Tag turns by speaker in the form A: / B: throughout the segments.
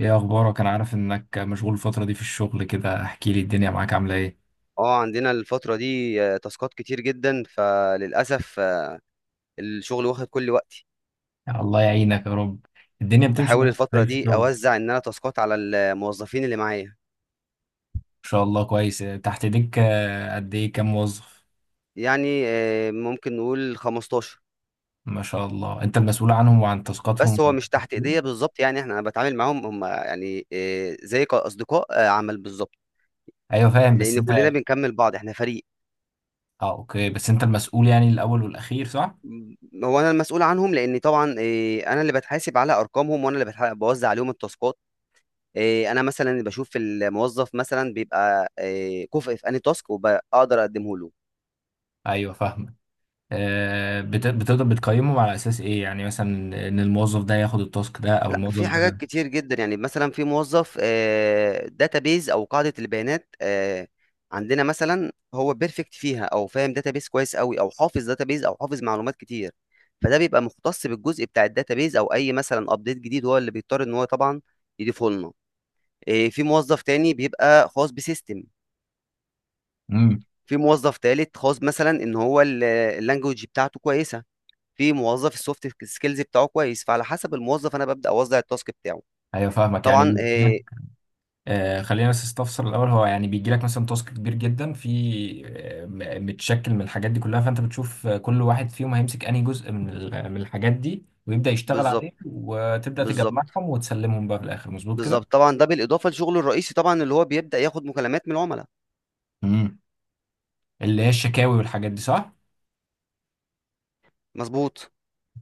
A: ايه اخبارك؟ انا عارف انك مشغول الفترة دي في الشغل كده. احكي لي الدنيا معاك عاملة ايه؟
B: اه عندنا الفترة دي تاسكات كتير جدا، فللأسف الشغل واخد كل وقتي.
A: يا الله يعينك يا رب. الدنيا بتمشي
B: بحاول
A: معاك
B: الفترة
A: ازاي في
B: دي
A: الشغل؟
B: أوزع إن أنا تاسكات على الموظفين اللي معايا،
A: ان شاء الله كويس تحت ايديك. قد ايه، كام موظف؟
B: يعني ممكن نقول 15.
A: ما شاء الله، انت المسؤول عنهم وعن تاسكاتهم.
B: بس هو مش تحت إيديا بالظبط، يعني إحنا أنا بتعامل معاهم، هم يعني زي كأصدقاء عمل بالظبط،
A: ايوه فاهم، بس
B: لأن كلنا
A: انت...
B: بنكمل بعض، إحنا فريق.
A: اه، اوكي، بس انت المسؤول يعني الاول والاخير، صح؟
B: هو أنا المسؤول عنهم، لأن طبعا أنا اللي بتحاسب على أرقامهم، وأنا اللي بوزع عليهم التاسكات. إيه، انا مثلا بشوف الموظف مثلا بيبقى إيه، كفء في انهي تاسك وبقدر اقدمه له.
A: ايوه فاهمك. بتقدر بتقيمهم على اساس ايه يعني؟ مثلا ان الموظف ده ياخد التاسك ده او
B: لا،
A: الموظف
B: في حاجات
A: ده.
B: كتير جدا، يعني مثلا في موظف داتابيز او قاعده البيانات عندنا مثلا هو بيرفكت فيها، او فاهم داتابيز كويس قوي، او حافظ داتابيز، او حافظ معلومات كتير، فده بيبقى مختص بالجزء بتاع الداتابيز، او اي مثلا ابديت جديد هو اللي بيضطر ان هو طبعا يضيفه لنا. إيه، في موظف تاني بيبقى خاص بسيستم.
A: امم.
B: في موظف تالت خاص مثلا ان هو اللانجوج بتاعته كويسه. في موظف السوفت سكيلز بتاعه كويس، فعلى حسب الموظف انا ببدا اوزع التاسك بتاعه.
A: ايوه فاهمك يعني.
B: طبعا
A: خلينا بس استفسر الاول. هو يعني بيجي لك مثلا تاسك كبير جدا في متشكل من الحاجات دي كلها، فانت بتشوف كل واحد فيهم هيمسك انهي جزء من من الحاجات دي، ويبدا يشتغل
B: بالظبط.
A: عليه، وتبدا
B: بالظبط.
A: تجمعهم وتسلمهم بقى في الاخر، مظبوط كده؟
B: بالظبط، طبعا ده بالاضافه لشغله الرئيسي، طبعا اللي هو بيبدا ياخد مكالمات من العملاء.
A: امم. اللي هي الشكاوي والحاجات دي، صح.
B: مظبوط.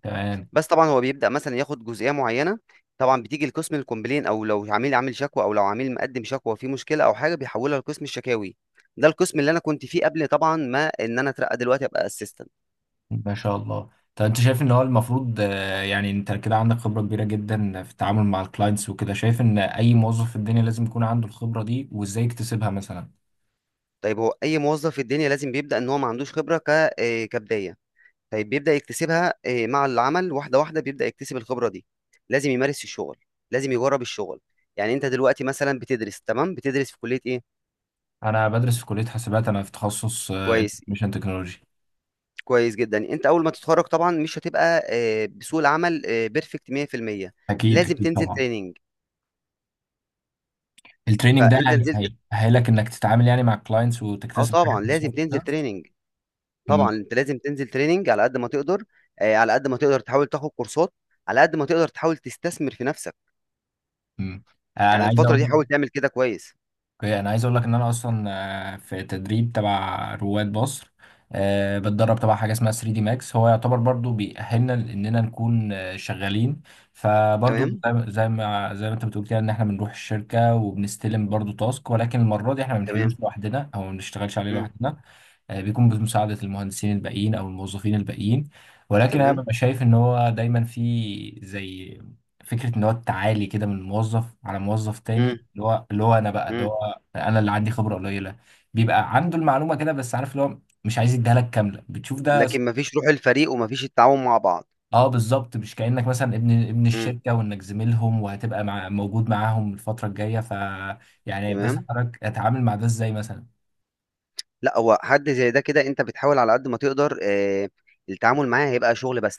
A: تمام.
B: بس طبعا هو بيبدا مثلا ياخد جزئيه معينه، طبعا بتيجي لقسم الكومبلين، او لو عميل عامل شكوى، او لو عميل مقدم شكوى في مشكله او حاجه بيحولها لقسم الشكاوي. ده القسم اللي انا كنت فيه قبل، طبعا ما ان انا اترقى دلوقتي ابقى اسيستنت.
A: ما شاء الله. طب انت شايف ان هو المفروض يعني انت كده عندك خبره كبيره جدا في التعامل مع الكلاينتس وكده، شايف ان اي موظف في الدنيا لازم يكون عنده الخبره دي؟ وازاي يكتسبها مثلا؟
B: طيب، هو اي موظف في الدنيا لازم بيبدا ان هو ما عندوش خبره ك كبدايه. طيب بيبدأ يكتسبها مع العمل، واحدة واحدة بيبدأ يكتسب الخبرة دي. لازم يمارس في الشغل، لازم يجرب الشغل. يعني انت دلوقتي مثلا بتدرس، تمام؟ بتدرس في كلية ايه؟
A: انا بدرس في كليه حاسبات، انا في تخصص
B: كويس.
A: انفورميشن تكنولوجي.
B: كويس جدا، انت اول ما تتخرج طبعا مش هتبقى بسوق العمل بيرفكت 100%.
A: اكيد
B: لازم
A: اكيد
B: تنزل
A: طبعا.
B: تريننج.
A: التريننج ده
B: فانت نزلت.
A: هيأهلك انك تتعامل يعني مع الكلاينتس،
B: اه
A: وتكتسب حاجات
B: طبعا
A: من
B: لازم
A: السوفت
B: تنزل
A: سكيلز.
B: تريننج،
A: أمم.
B: طبعا انت لازم تنزل تريننج على قد ما تقدر. على قد ما تقدر تحاول تاخد كورسات، على قد ما تقدر تحاول تستثمر في نفسك.
A: أمم. انا
B: يعني
A: عايز
B: الفترة دي
A: اقول...
B: حاول تعمل كده كويس.
A: أوكي، انا عايز اقول لك ان انا اصلا في تدريب تبع رواد مصر. بتدرب تبع حاجه اسمها 3 دي ماكس، هو يعتبر برضو بيأهلنا اننا نكون شغالين. فبرضو
B: تمام.
A: زي ما انت بتقول كده، ان احنا بنروح الشركه وبنستلم برضو تاسك، ولكن المره دي احنا ما بنحلوش
B: تمام.
A: لوحدنا او ما بنشتغلش عليه لوحدنا. بيكون بمساعدة المهندسين الباقيين أو الموظفين الباقيين. ولكن أنا
B: تمام؟
A: ببقى شايف إن هو دايما في زي فكرة إن هو التعالي كده من موظف على موظف
B: إمم،
A: تاني، اللي هو أنا بقى، اللي
B: إمم،
A: هو أنا اللي عندي خبرة قليلة، بيبقى عنده المعلومة كده، بس عارف اللي هو مش عايز يديها لك كاملة. بتشوف ده
B: لكن ما فيش روح الفريق وما فيش التعاون مع بعض.
A: اه، بالظبط. مش كأنك مثلا ابن
B: إمم،
A: الشركة، وإنك زميلهم وهتبقى مع... موجود معاهم الفترة الجاية يعني. بس
B: تمام،
A: حضرتك اتعامل مع ده ازاي مثلا؟
B: لأ هو حد زي ده كده أنت بتحاول على قد ما تقدر، التعامل معاه هيبقى شغل بس،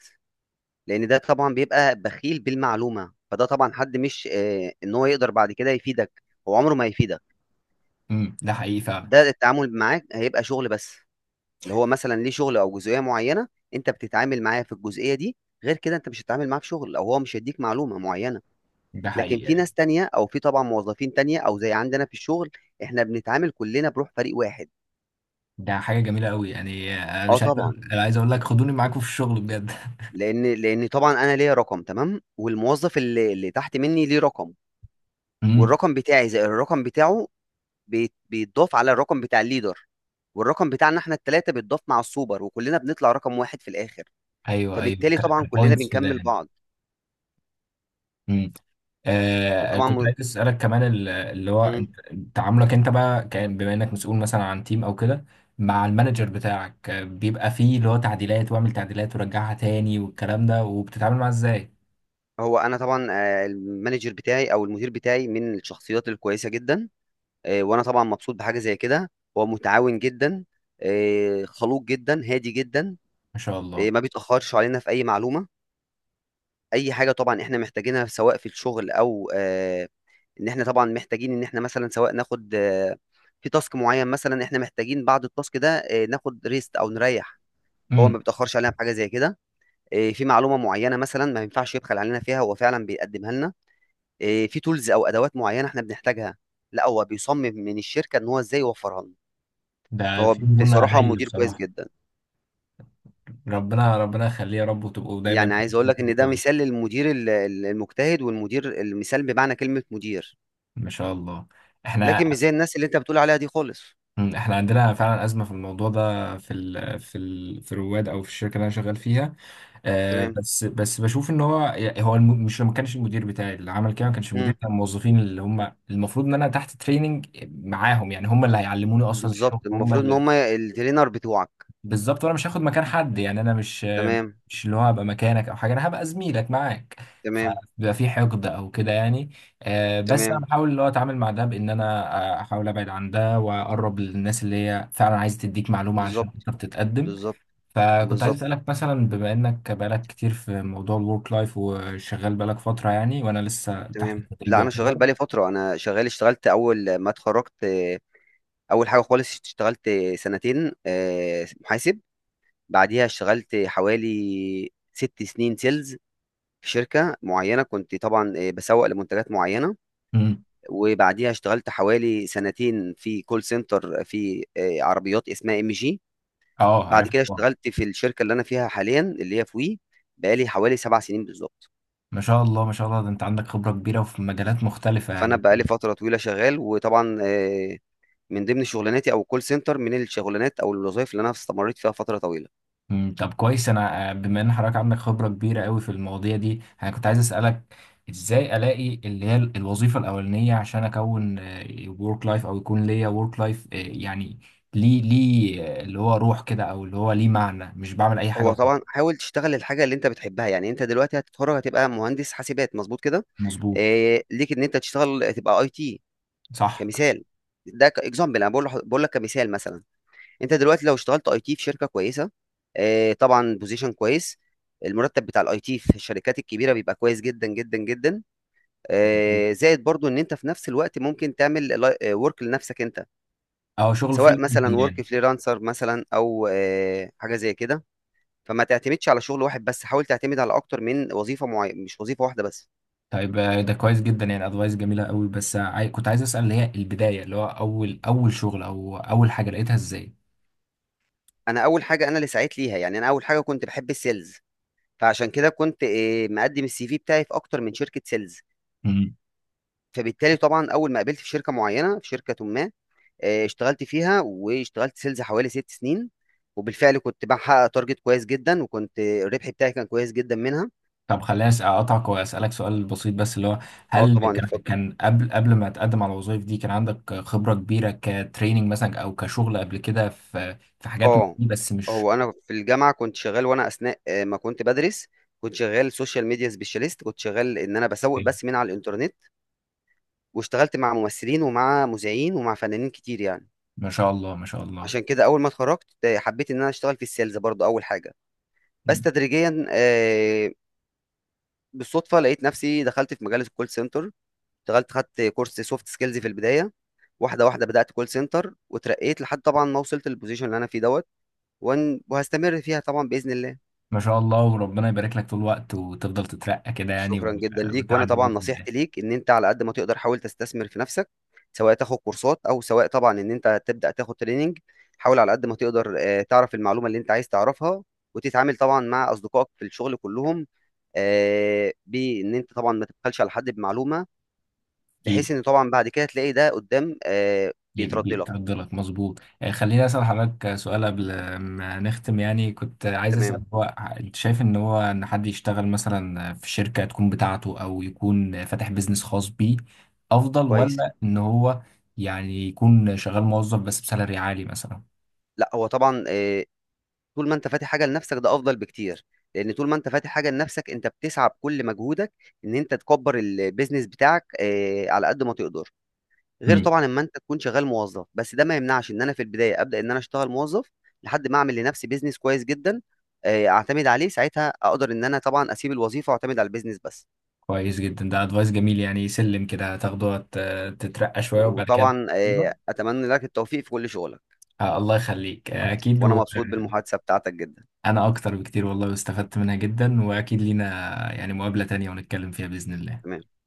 B: لأن ده طبعًا بيبقى بخيل بالمعلومة، فده طبعًا حد مش إن هو يقدر بعد كده يفيدك، هو عمره ما هيفيدك،
A: امم. ده حقيقي فعلا.
B: ده التعامل معاه هيبقى شغل بس، اللي هو مثلًا ليه شغل أو جزئية معينة، أنت بتتعامل معاه في الجزئية دي، غير كده أنت مش هتتعامل معاه في شغل، أو هو مش هيديك معلومة معينة.
A: ده
B: لكن
A: حقيقي
B: في
A: يعني.
B: ناس تانية، او في طبعا موظفين تانية، او زي عندنا في الشغل احنا بنتعامل كلنا بروح فريق واحد.
A: ده حاجة جميلة قوي يعني.
B: اه
A: مش عايز...
B: طبعا،
A: أنا عايز اقول لك، خدوني معاكم في الشغل بجد.
B: لان لان طبعا انا ليا رقم، تمام، والموظف اللي تحت مني ليه رقم،
A: امم.
B: والرقم بتاعي زائد الرقم بتاعه بيتضاف على الرقم بتاع الليدر، والرقم بتاعنا احنا التلاتة بيتضاف مع السوبر، وكلنا بنطلع رقم واحد في الاخر.
A: ايوه ايوه،
B: فبالتالي طبعا كلنا
A: كبوينتس كده
B: بنكمل
A: يعني.
B: بعض.
A: امم.
B: وطبعا
A: كنت عايز اسالك كمان اللي هو
B: مم.
A: تعاملك انت بقى بما انك مسؤول مثلا عن تيم او كده، مع المانجر بتاعك. بيبقى فيه اللي هو تعديلات، واعمل تعديلات ورجعها تاني والكلام ده، وبتتعامل معاه ازاي؟
B: هو انا طبعا المانجر بتاعي او المدير بتاعي من الشخصيات الكويسة جدا. وانا طبعا مبسوط بحاجه زي كده. هو متعاون جدا. خلوق جدا، هادي جدا.
A: ما شاء الله.
B: ما بيتاخرش علينا في اي معلومه، اي حاجه طبعا احنا محتاجينها، سواء في الشغل او ان احنا طبعا محتاجين ان احنا مثلا سواء ناخد في تاسك معين مثلا، احنا محتاجين بعد التاسك ده ناخد ريست او نريح. هو
A: امم.
B: ما بيتاخرش علينا في حاجه زي كده. في معلومه معينه مثلا ما ينفعش يبخل علينا فيها، هو فعلا بيقدمها لنا. في تولز او ادوات معينه احنا بنحتاجها، لا هو بيصمم من الشركه ان هو ازاي يوفرها لنا.
A: ده
B: فهو
A: في مرونة
B: بصراحة
A: هايلة
B: مدير كويس
A: بصراحة.
B: جدًا.
A: ربنا ربنا يخليه يا رب، وتبقوا دايما
B: يعني عايز أقول
A: بتتعاملوا
B: لك إن ده
A: كويس.
B: مثال للمدير ال المجتهد والمدير المثال بمعنى كلمة مدير.
A: ما شاء الله. احنا...
B: لكن مش زي الناس اللي أنت بتقول عليها دي خالص.
A: احنا عندنا فعلا ازمه في الموضوع ده، في ال في رواد او في الشركه اللي انا شغال فيها.
B: تمام،
A: بس بس بشوف ان هو، يعني هو مش ما كانش المدير بتاعي اللي عمل كده. ما كانش المدير،
B: إمم،
A: كان الموظفين اللي هم المفروض ان انا تحت تريننج معاهم، يعني هم اللي هيعلموني اصلا
B: بالضبط،
A: الشغل، هم.
B: المفروض إن هُم الtrainer بتوعك.
A: بالظبط، وانا مش هاخد مكان حد، يعني انا مش...
B: تمام،
A: مش اللي هو هبقى مكانك او حاجه، انا هبقى زميلك معاك.
B: تمام،
A: فبيبقى في حقد او كده يعني. بس انا
B: تمام،
A: بحاول اللي هو اتعامل مع ده بان انا احاول ابعد عن ده، واقرب للناس اللي هي فعلا عايزه تديك معلومه علشان
B: بالضبط،
A: تقدر تتقدم.
B: بالضبط،
A: فكنت عايز
B: بالضبط،
A: اسالك مثلا، بما انك بقالك كتير في موضوع الورك لايف وشغال بقالك فتره يعني، وانا لسه تحت
B: تمام،
A: التدريب
B: لأ أنا شغال
A: يعتبر.
B: بقى لي فترة. أنا شغال، اشتغلت أول ما اتخرجت، أول حاجة خالص اشتغلت 2 سنين محاسب. بعديها اشتغلت حوالي 6 سنين sales في شركة معينة، كنت طبعًا باسوّق لمنتجات معينة.
A: امم.
B: وبعديها اشتغلت حوالي 2 سنين في call center في عربيات اسمها MG.
A: اه
B: بعد
A: عارف
B: كده
A: طبعا.
B: اشتغلت في الشركة اللي أنا فيها حاليًا اللي هي في وي، بقى لي حوالي 7 سنين بالضبط.
A: ما شاء الله ما شاء الله، ده انت عندك خبره كبيره وفي مجالات مختلفه
B: فأنا
A: يعني.
B: بقى لي فترة طويلة شغال، وطبعًا من ضمن شغلاناتي، أو الcall center من الشغلانات أو الوظايف اللي أنا استمريت فيها فترة طويلة.
A: طب كويس. انا بما ان حضرتك عندك خبره كبيره قوي في المواضيع دي، انا كنت عايز اسالك ازاي الاقي اللي هي الوظيفه الاولانيه عشان اكون ورك لايف، او يكون ليا ورك لايف يعني. ليه اللي هو روح كده، او اللي هو ليه معنى، مش بعمل اي حاجه
B: هو
A: وخلاص.
B: طبعًا حاول تشتغل الحاجة اللي أنت بتحبها. يعني أنت دلوقتي هتتخرّج هتبقى مهندس حاسبات، مضبوط كده؟
A: مظبوط.
B: ليك إن أنت تشتغل تبقى IT.
A: صح.
B: كمثال، ده كاكزامبل، انا بقول لك كمثال مثلا. انت دلوقتي لو اشتغلت اي تي في شركه كويسه، طبعا بوزيشن كويس، المرتب بتاع الاي تي في الشركات الكبيره بيبقى كويس جدا جدا جدا.
A: مظبوط.
B: زائد برضو ان انت في نفس الوقت ممكن تعمل ورك لنفسك انت،
A: اه، شغل فري
B: سواء مثلا
A: يعني.
B: ورك فريلانسر مثلا او حاجه زي كده. فما تعتمدش على شغل واحد بس، حاول تعتمد على اكتر من وظيفه معينه، مش وظيفه واحده بس.
A: طيب ده كويس جدا يعني، ادفايس جميله قوي. بس كنت عايز اسال اللي هي البدايه، اللي هو اول شغل او اول حاجه لقيتها ازاي؟
B: انا اول حاجه انا اللي سعيت ليها، يعني انا اول حاجه كنت بحب السيلز، فعشان كده كنت مقدم السي في بتاعي في اكتر من شركه سيلز. فبالتالي طبعا اول ما قابلت في شركه معينه، في شركه ما، اشتغلت فيها واشتغلت سيلز حوالي 6 سنين، وبالفعل كنت بحقق تارجت كويس جدا، وكنت الربح بتاعي كان كويس جدا منها.
A: طب خليني اقطعك واسالك سؤال بسيط، بس اللي هو
B: اه
A: هل
B: طبعا
A: كان
B: اتفضل.
A: كان قبل ما تقدم على الوظائف دي، كان عندك خبره كبيره كتريننج مثلا او كشغل قبل كده في حاجات من
B: اه،
A: دي، بس مش...
B: هو انا في الجامعه كنت شغال، وانا اثناء ما كنت بدرس كنت شغال سوشيال ميديا سبيشاليست، كنت شغال ان انا بسوق بس من على الانترنت، واشتغلت مع ممثلين ومع مذيعين ومع فنانين كتير يعني.
A: ما شاء الله. ما شاء الله
B: عشان كده اول ما اتخرجت حبيت ان انا اشتغل في السيلز برضو اول حاجه. بس تدريجيا بالصدفه لقيت نفسي دخلت في مجال الكول سنتر. اشتغلت، خدت كورس سوفت سكيلز في البدايه، واحده واحده بدات كول سنتر، وترقيت لحد طبعا ما وصلت للبوزيشن اللي انا فيه دوت. وهستمر فيها طبعا باذن الله.
A: ما شاء الله، وربنا يبارك لك طول الوقت، وتفضل تترقى كده يعني
B: شكرا جدا ليك، وانا
A: وتعدي
B: طبعا
A: باذن الله.
B: نصيحتي ليك ان انت على قد ما تقدر حاول تستثمر في نفسك، سواء تاخد كورسات، او سواء طبعا ان انت تبدا تاخد تريننج. حاول على قد ما تقدر تعرف المعلومه اللي انت عايز تعرفها، وتتعامل طبعا مع اصدقائك في الشغل كلهم، بان انت طبعا ما تبخلش على حد بمعلومه، بحيث
A: اكيد.
B: ان طبعا بعد كده تلاقي ده قدام
A: جيب
B: بيترد
A: جيب
B: لك.
A: تفضلك مظبوط. خليني اسال حضرتك سؤال قبل ما نختم، يعني كنت عايز اسال،
B: تمام.
A: هو انت شايف ان هو ان حد يشتغل مثلا في شركه تكون بتاعته، او يكون فاتح بيزنس خاص بيه افضل،
B: كويس.
A: ولا ان هو يعني يكون شغال موظف بس بسالري عالي مثلا؟
B: لا هو طبعا طول ما انت فاتح حاجه لنفسك ده افضل بكتير، لان طول ما انت فاتح حاجه لنفسك انت بتسعى بكل مجهودك ان انت تكبر البيزنس بتاعك على قد ما تقدر، غير
A: امم.
B: طبعا اما انت تكون شغال موظف بس. ده ما يمنعش ان انا في البدايه ابدا ان انا اشتغل موظف لحد ما اعمل لنفسي بيزنس كويس جدا، اعتمد عليه ساعتها، اقدر ان انا طبعا اسيب الوظيفه واعتمد على البيزنس بس.
A: كويس جدا، ده ادفايس جميل يعني. سلم كده تاخده تترقى شويه وبعد كده...
B: وطبعا اتمنى لك التوفيق في كل شغلك،
A: الله يخليك. اكيد.
B: وانا مبسوط بالمحادثه بتاعتك جدا.
A: انا اكتر بكتير والله، واستفدت منها جدا، واكيد لينا يعني مقابلة تانية ونتكلم فيها بإذن الله.
B: تمام.